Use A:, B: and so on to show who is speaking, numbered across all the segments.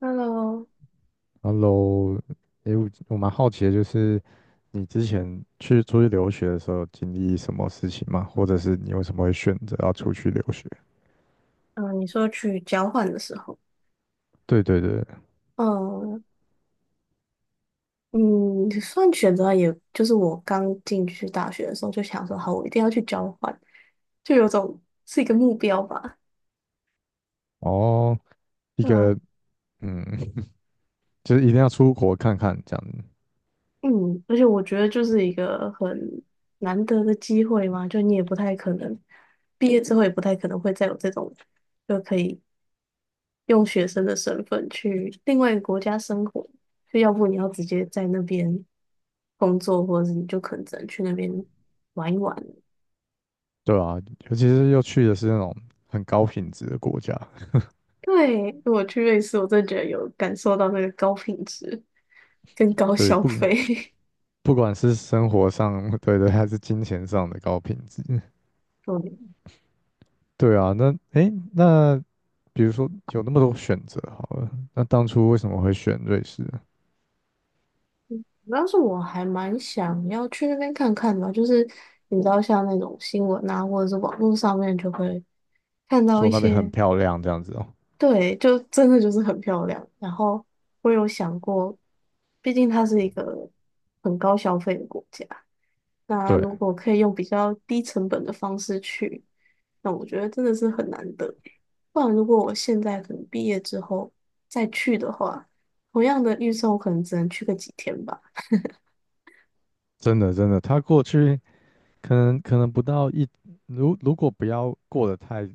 A: Hello，
B: Hello，诶，我蛮好奇的，就是你之前去出去留学的时候，经历什么事情吗？或者是你为什么会选择要出去留学？
A: 嗯，你说去交换的时候，
B: 对对对，
A: 嗯嗯，算选择也，就是我刚进去大学的时候就想说，好，我一定要去交换，就有种是一个目标吧，
B: 哦，一
A: 对啊，
B: 个嗯，就是一定要出国看看这样子，
A: 嗯，而且我觉得就是一个很难得的机会嘛，就你也不太可能毕业之后也不太可能会再有这种就可以用学生的身份去另外一个国家生活，就要不你要直接在那边工作，或者是你就可能只能去那边玩一玩。
B: 对啊，尤其是又去的是那种很高品质的国家，
A: 对，我去瑞士，我真的觉得有感受到那个高品质跟高
B: 对，
A: 消
B: 不
A: 费。
B: 不管是生活上，对对，还是金钱上的高品质，
A: 对，
B: 对啊，那诶，那比如说有那么多选择好了，那当初为什么会选瑞士啊？
A: 主要是我还蛮想要去那边看看的啊，就是你知道，像那种新闻啊，或者是网络上面就会看到
B: 说
A: 一
B: 那边很
A: 些。
B: 漂亮这样子哦。
A: 对，就真的就是很漂亮。然后我有想过，毕竟它是一个很高消费的国家，那
B: 对，
A: 如果可以用比较低成本的方式去，那我觉得真的是很难得。不然，如果我现在可能毕业之后再去的话，同样的预算我可能只能去个几天吧。
B: 真的真的，他过去可能不到一，如果不要过得太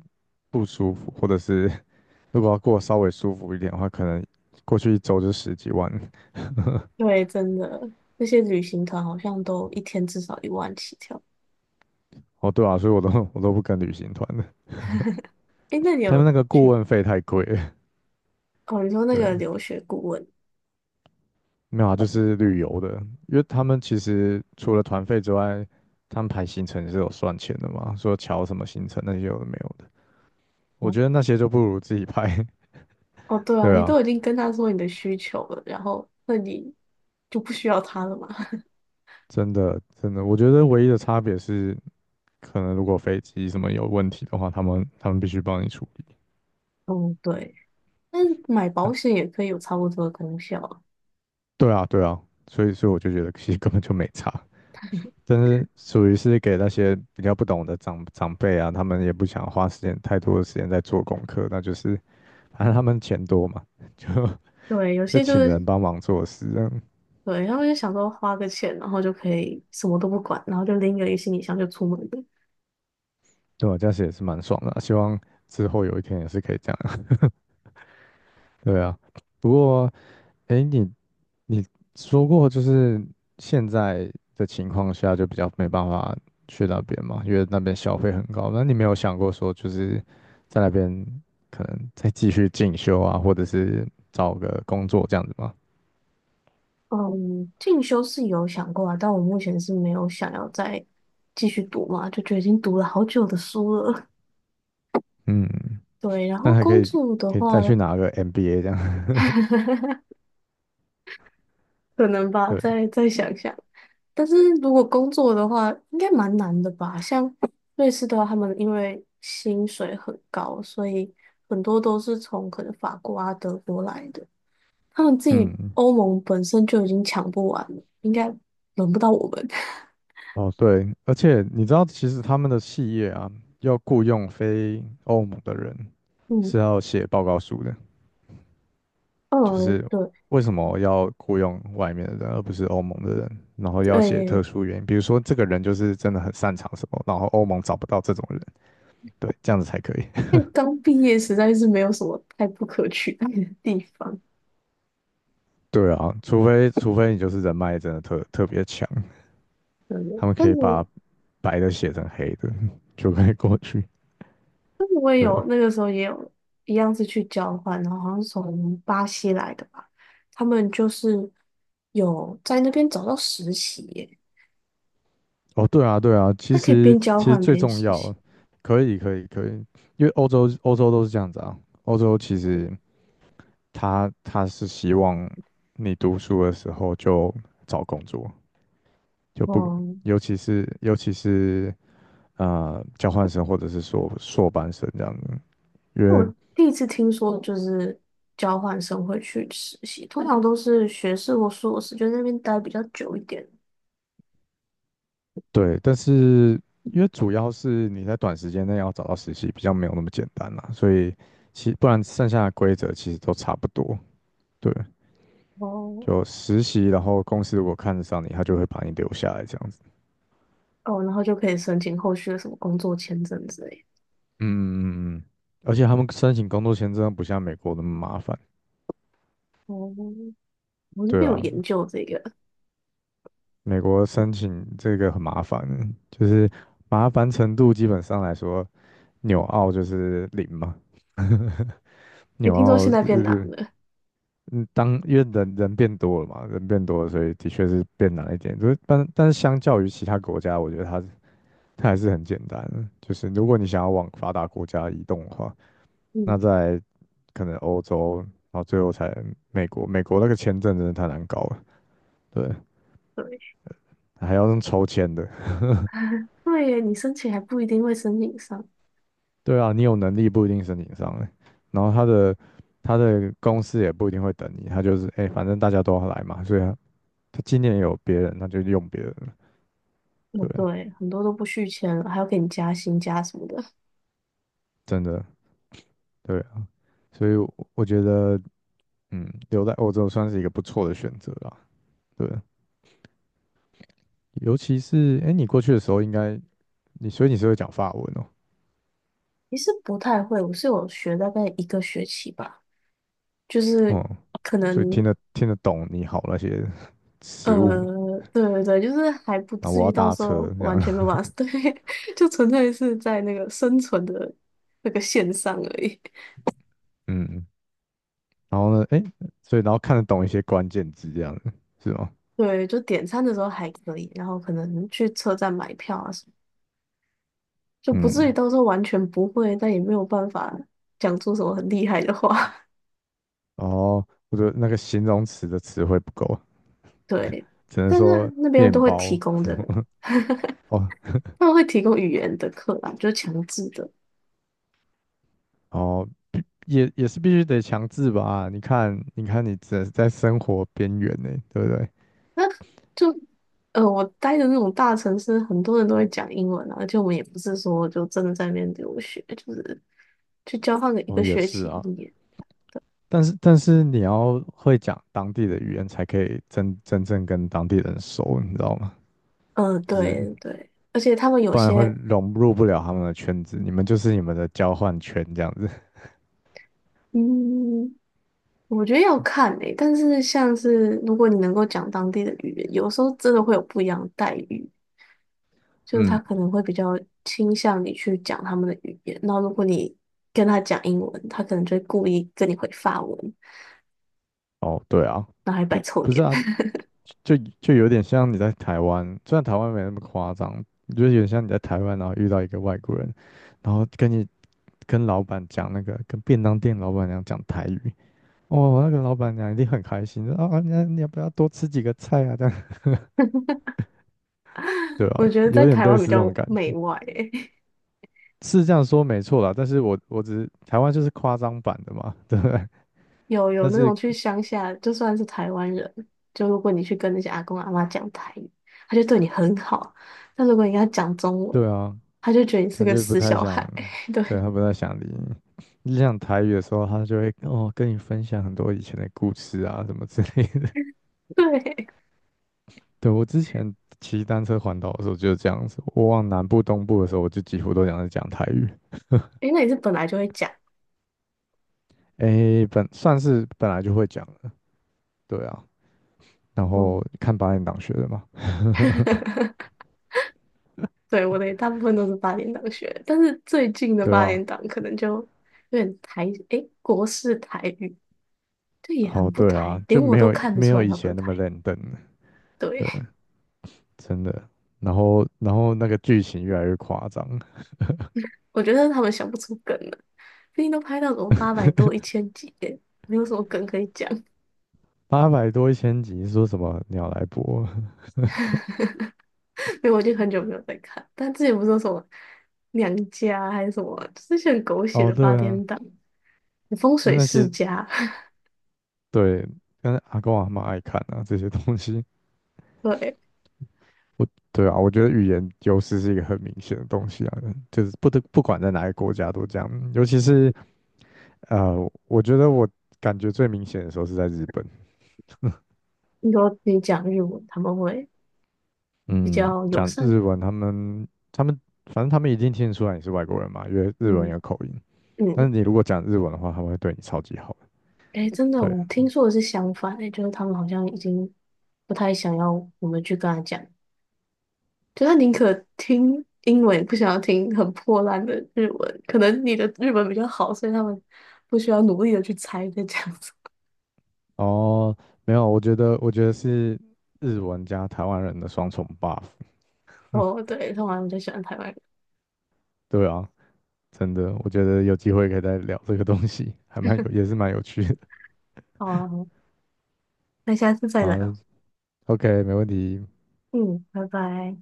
B: 不舒服，或者是 如果要过得稍微舒服一点的话，可能过去一周就十几万。
A: 对，真的，那些旅行团好像都一天至少1万起跳。
B: 哦，对啊，所以我都不跟旅行团的，
A: 诶，那你
B: 他们
A: 有
B: 那个顾
A: 去？
B: 问费太贵了
A: 哦，你说 那
B: 对，
A: 个留学顾问。
B: 没有啊，就是旅游的，因为他们其实除了团费之外，他们排行程是有算钱的嘛，说瞧什么行程那些有的没有的，我觉得那些就不如自己排。
A: 哦，对 啊，
B: 对
A: 你
B: 啊，
A: 都已经跟他说你的需求了，然后那你就不需要他了嘛。
B: 真的，真的，我觉得唯一的差别是，可能如果飞机什么有问题的话，他们必须帮你处理。
A: 嗯，对，但是买保险也可以有差不多的功效啊
B: 对啊，对啊，所以我就觉得其实根本就没差，但是属于是给那些比较不懂的长辈啊，他们也不想花时间太多的时间在做功课，那就是反正他们钱多嘛，就
A: 对，有
B: 就
A: 些就
B: 请
A: 是
B: 人帮忙做事，这样
A: 对，他们就想说花个钱，然后就可以什么都不管，然后就拎个一个行李箱就出门了。
B: 对啊，这样子也是蛮爽的啊希望之后有一天也是可以这样。对啊，不过。哎，你说过，就是现在的情况下就比较没办法去那边嘛，因为那边消费很高。那你没有想过说，就是在那边可能再继续进修啊，或者是找个工作这样子吗？
A: 嗯，进修是有想过啊，但我目前是没有想要再继续读嘛，就觉得已经读了好久的书了。
B: 嗯，
A: 对，然
B: 那
A: 后
B: 还可
A: 工
B: 以
A: 作的
B: 再
A: 话。
B: 去拿个 MBA 这样。
A: 可能 吧，
B: 对，
A: 再想想。但是如果工作的话，应该蛮难的吧？像瑞士的话，他们因为薪水很高，所以很多都是从可能法国啊、德国来的。他们自己
B: 嗯，
A: 欧盟本身就已经抢不完了，应该轮不到我们。
B: 哦对，而且你知道，其实他们的企业啊，要雇佣非欧盟的人
A: 嗯
B: 是要写报告书的。就
A: 嗯，
B: 是
A: 对
B: 为什么要雇佣外面的人，而不是欧盟的人？然后要写特
A: 对，
B: 殊原因，比如说这个人就是真的很擅长什么，然后欧盟找不到这种人，对，这样子才可以。
A: 那刚毕业实在是没有什么太不可取代的地方。
B: 对啊，除非你就是人脉真的特别强，
A: 对，
B: 他们
A: 但
B: 可以
A: 是
B: 把白的写成黑的，就可以过去。
A: 我也
B: 对，
A: 有那个时候也有一样是去交换，然后好像是从巴西来的吧，他们就是有在那边找到实习耶，
B: 哦，对啊，对啊，
A: 他
B: 其
A: 可以
B: 实
A: 边交
B: 其实
A: 换
B: 最
A: 边
B: 重
A: 实习。
B: 要，可以可以可以，因为欧洲都是这样子啊，欧洲其实他是希望你读书的时候就找工作，就不，
A: 嗯，
B: 尤其是交换生或者是说硕班生这样子，因
A: 我
B: 为
A: 第一次听说就是交换生会去实习，通常都是学士或硕士，就在那边待比较久一点，
B: 对，但是因为主要是你在短时间内要找到实习比较没有那么简单嘛，所以其不然剩下的规则其实都差不多，对，
A: 哦
B: 就实习，然后公司如果看得上你，他就会把你留下来这样子，
A: 哦，然后就可以申请后续的什么工作签证之类的。
B: 嗯嗯嗯嗯，而且他们申请工作签证不像美国那么麻烦。
A: 哦，我这
B: 对
A: 边有
B: 啊，
A: 研究这个，
B: 美国申请这个很麻烦的，就是麻烦程度基本上来说，纽澳就是零嘛。
A: 也
B: 纽
A: 听说
B: 澳
A: 现在变难
B: 呃，
A: 了。
B: 嗯，当因为人变多了嘛，人变多了，所以的确是变难一点。就是但是相较于其他国家，我觉得它还是很简单的。就是如果你想要往发达国家移动的话，那
A: 嗯。
B: 在可能欧洲，然后最后才美国。美国那个签证真的太难搞了，对，
A: 对。
B: 还要用抽签的。
A: 对耶，你申请还不一定会申请上。
B: 对啊，你有能力不一定申请上欸，然后他的公司也不一定会等你，他就是哎、欸反正大家都要来嘛，所以他他今年有别人，那就用别人了，
A: 哦，
B: 对啊，
A: 对，很多都不续签了，还要给你加薪加什么的。
B: 真的对啊，所以我觉得嗯，留在欧洲算是一个不错的选择啦，对啊，尤其是哎、欸你过去的时候应该你所以你是会讲法文哦，
A: 其实不太会，我是有学大概一个学期吧，就是
B: 哦、
A: 可
B: 所以听
A: 能
B: 得听得懂你好那些
A: 呃，
B: 食物，
A: 对对对，就是还不
B: 然后
A: 至
B: 我
A: 于
B: 要
A: 到
B: 搭
A: 时
B: 车
A: 候
B: 这
A: 完
B: 样，
A: 全没有办法，对，就纯粹是在那个生存的那个线上而已。
B: 嗯，然后呢，哎，所以然后看得懂一些关键字这样的，是吗？
A: 对，就点餐的时候还可以，然后可能去车站买票啊什么，就不至于
B: 嗯，
A: 到时候完全不会，但也没有办法讲出什么很厉害的话。
B: 哦，我觉得那个形容词的词汇不够，
A: 对，
B: 只能
A: 但是
B: 说
A: 那边都
B: 面
A: 会提
B: 包。
A: 供的，
B: 哦
A: 他们会提供语言的课啦，就是强制的。
B: 哦，也是必须得强制吧？你看，你看，你只在生活边缘呢，对不对？
A: 就呃，我待的那种大城市，很多人都会讲英文啊，而且我们也不是说就真的在那边留学，就是去交换个一个
B: 哦，也
A: 学
B: 是
A: 期
B: 啊，
A: 一年。
B: 但是你要会讲当地的语言，才可以真正跟当地人熟，你知道吗？
A: 嗯呃，
B: 就是
A: 对对，而且他们有
B: 不然会
A: 些，
B: 融入不了他们的圈子，你们就是你们的交换圈这样子。
A: 嗯，我觉得要看诶、但是像是如果你能够讲当地的语言，有时候真的会有不一样的待遇。就他
B: 嗯
A: 可能会比较倾向你去讲他们的语言，那如果你跟他讲英文，他可能就会故意跟你回法文，
B: 哦，对啊，
A: 然后还摆
B: 就
A: 臭
B: 不是
A: 脸。
B: 啊，就有点像你在台湾，虽然台湾没那么夸张，就是有点像你在台湾，然后遇到一个外国人，然后跟你跟老板讲那个，跟便当店老板娘讲台语，哦，那个老板娘一定很开心，说啊，那你要不要多吃几个菜啊？这样，对啊，
A: 我觉得
B: 有
A: 在
B: 点
A: 台
B: 类
A: 湾比
B: 似这种
A: 较
B: 感
A: 媚
B: 觉，
A: 外欸，
B: 是这样说没错啦，但是我只是台湾就是夸张版的嘛，对不对？
A: 有有
B: 但
A: 那种
B: 是
A: 去乡下，就算是台湾人，就如果你去跟那些阿公阿妈讲台语，他就对你很好；但如果你跟他讲中文，
B: 对啊，
A: 他就觉得你是
B: 他
A: 个
B: 就不
A: 死
B: 太
A: 小
B: 想，
A: 孩。
B: 对，
A: 对
B: 他不太想理你。你讲台语的时候，他就会哦跟你分享很多以前的故事啊，什么之类的。
A: 对，
B: 对，我之前骑单车环岛的时候就是这样子，我往南部、东部的时候，我就几乎都讲是讲台语。
A: 诶，那你是本来就会讲，
B: 诶，本算是本来就会讲了对啊。然后
A: 嗯。
B: 看八点党学的嘛，
A: 对，我的大部分都是八点档学的，但是最近的
B: 对
A: 八点
B: 啊。
A: 档可能就有点台，诶，国式台语，这也很
B: 好，
A: 不
B: 对
A: 台，
B: 啊，
A: 连
B: 就
A: 我
B: 没
A: 都
B: 有
A: 看得
B: 没
A: 出
B: 有
A: 来
B: 以
A: 它不是
B: 前那么
A: 台。
B: 认真了，
A: 对，
B: 对，真的。然后那个剧情越来越夸张，
A: 我觉得他们想不出梗了，毕竟都拍到什么800多、1000集耶，没有什么梗可以讲。
B: 八百多一千集，说什么鸟来播？
A: 因为我已经很久没有在看，但之前不是说什么娘家啊还是什么，就是一些很狗 血
B: 哦，
A: 的八
B: 对啊，
A: 点档，风
B: 那
A: 水
B: 那
A: 世
B: 些
A: 家。
B: 对，但是阿公阿嬷爱看啊，这些东西，
A: 对，
B: 我对啊，我觉得语言优势是一个很明显的东西啊，就是不管在哪个国家都这样，尤其是呃，我觉得我感觉最明显的时候是在日本，
A: 你说你讲日文，他们会比
B: 嗯，
A: 较友
B: 讲
A: 善。
B: 日文，他们反正他们一定听得出来你是外国人嘛，因为日文有
A: 嗯
B: 口音，但是
A: 嗯。
B: 你如果讲日文的话，他们会对你超级好的
A: 哎，真的，
B: 对，
A: 我听说的是相反，哎，就是他们好像已经不太想要我们去跟他讲，就他宁可听英文，也不想要听很破烂的日文。可能你的日文比较好，所以他们不需要努力的去猜在这样子。
B: 哦，没有，我觉得是日文加台湾人的双重 buff
A: 哦，对，他们好像比较喜欢台湾人。
B: 对啊，真的，我觉得有机会可以再聊这个东西，还蛮有，也是蛮有趣的。
A: 好啊，好啊，那下次再
B: 好
A: 聊。
B: ，OK，没问题，
A: 嗯，拜拜。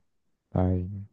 B: 拜。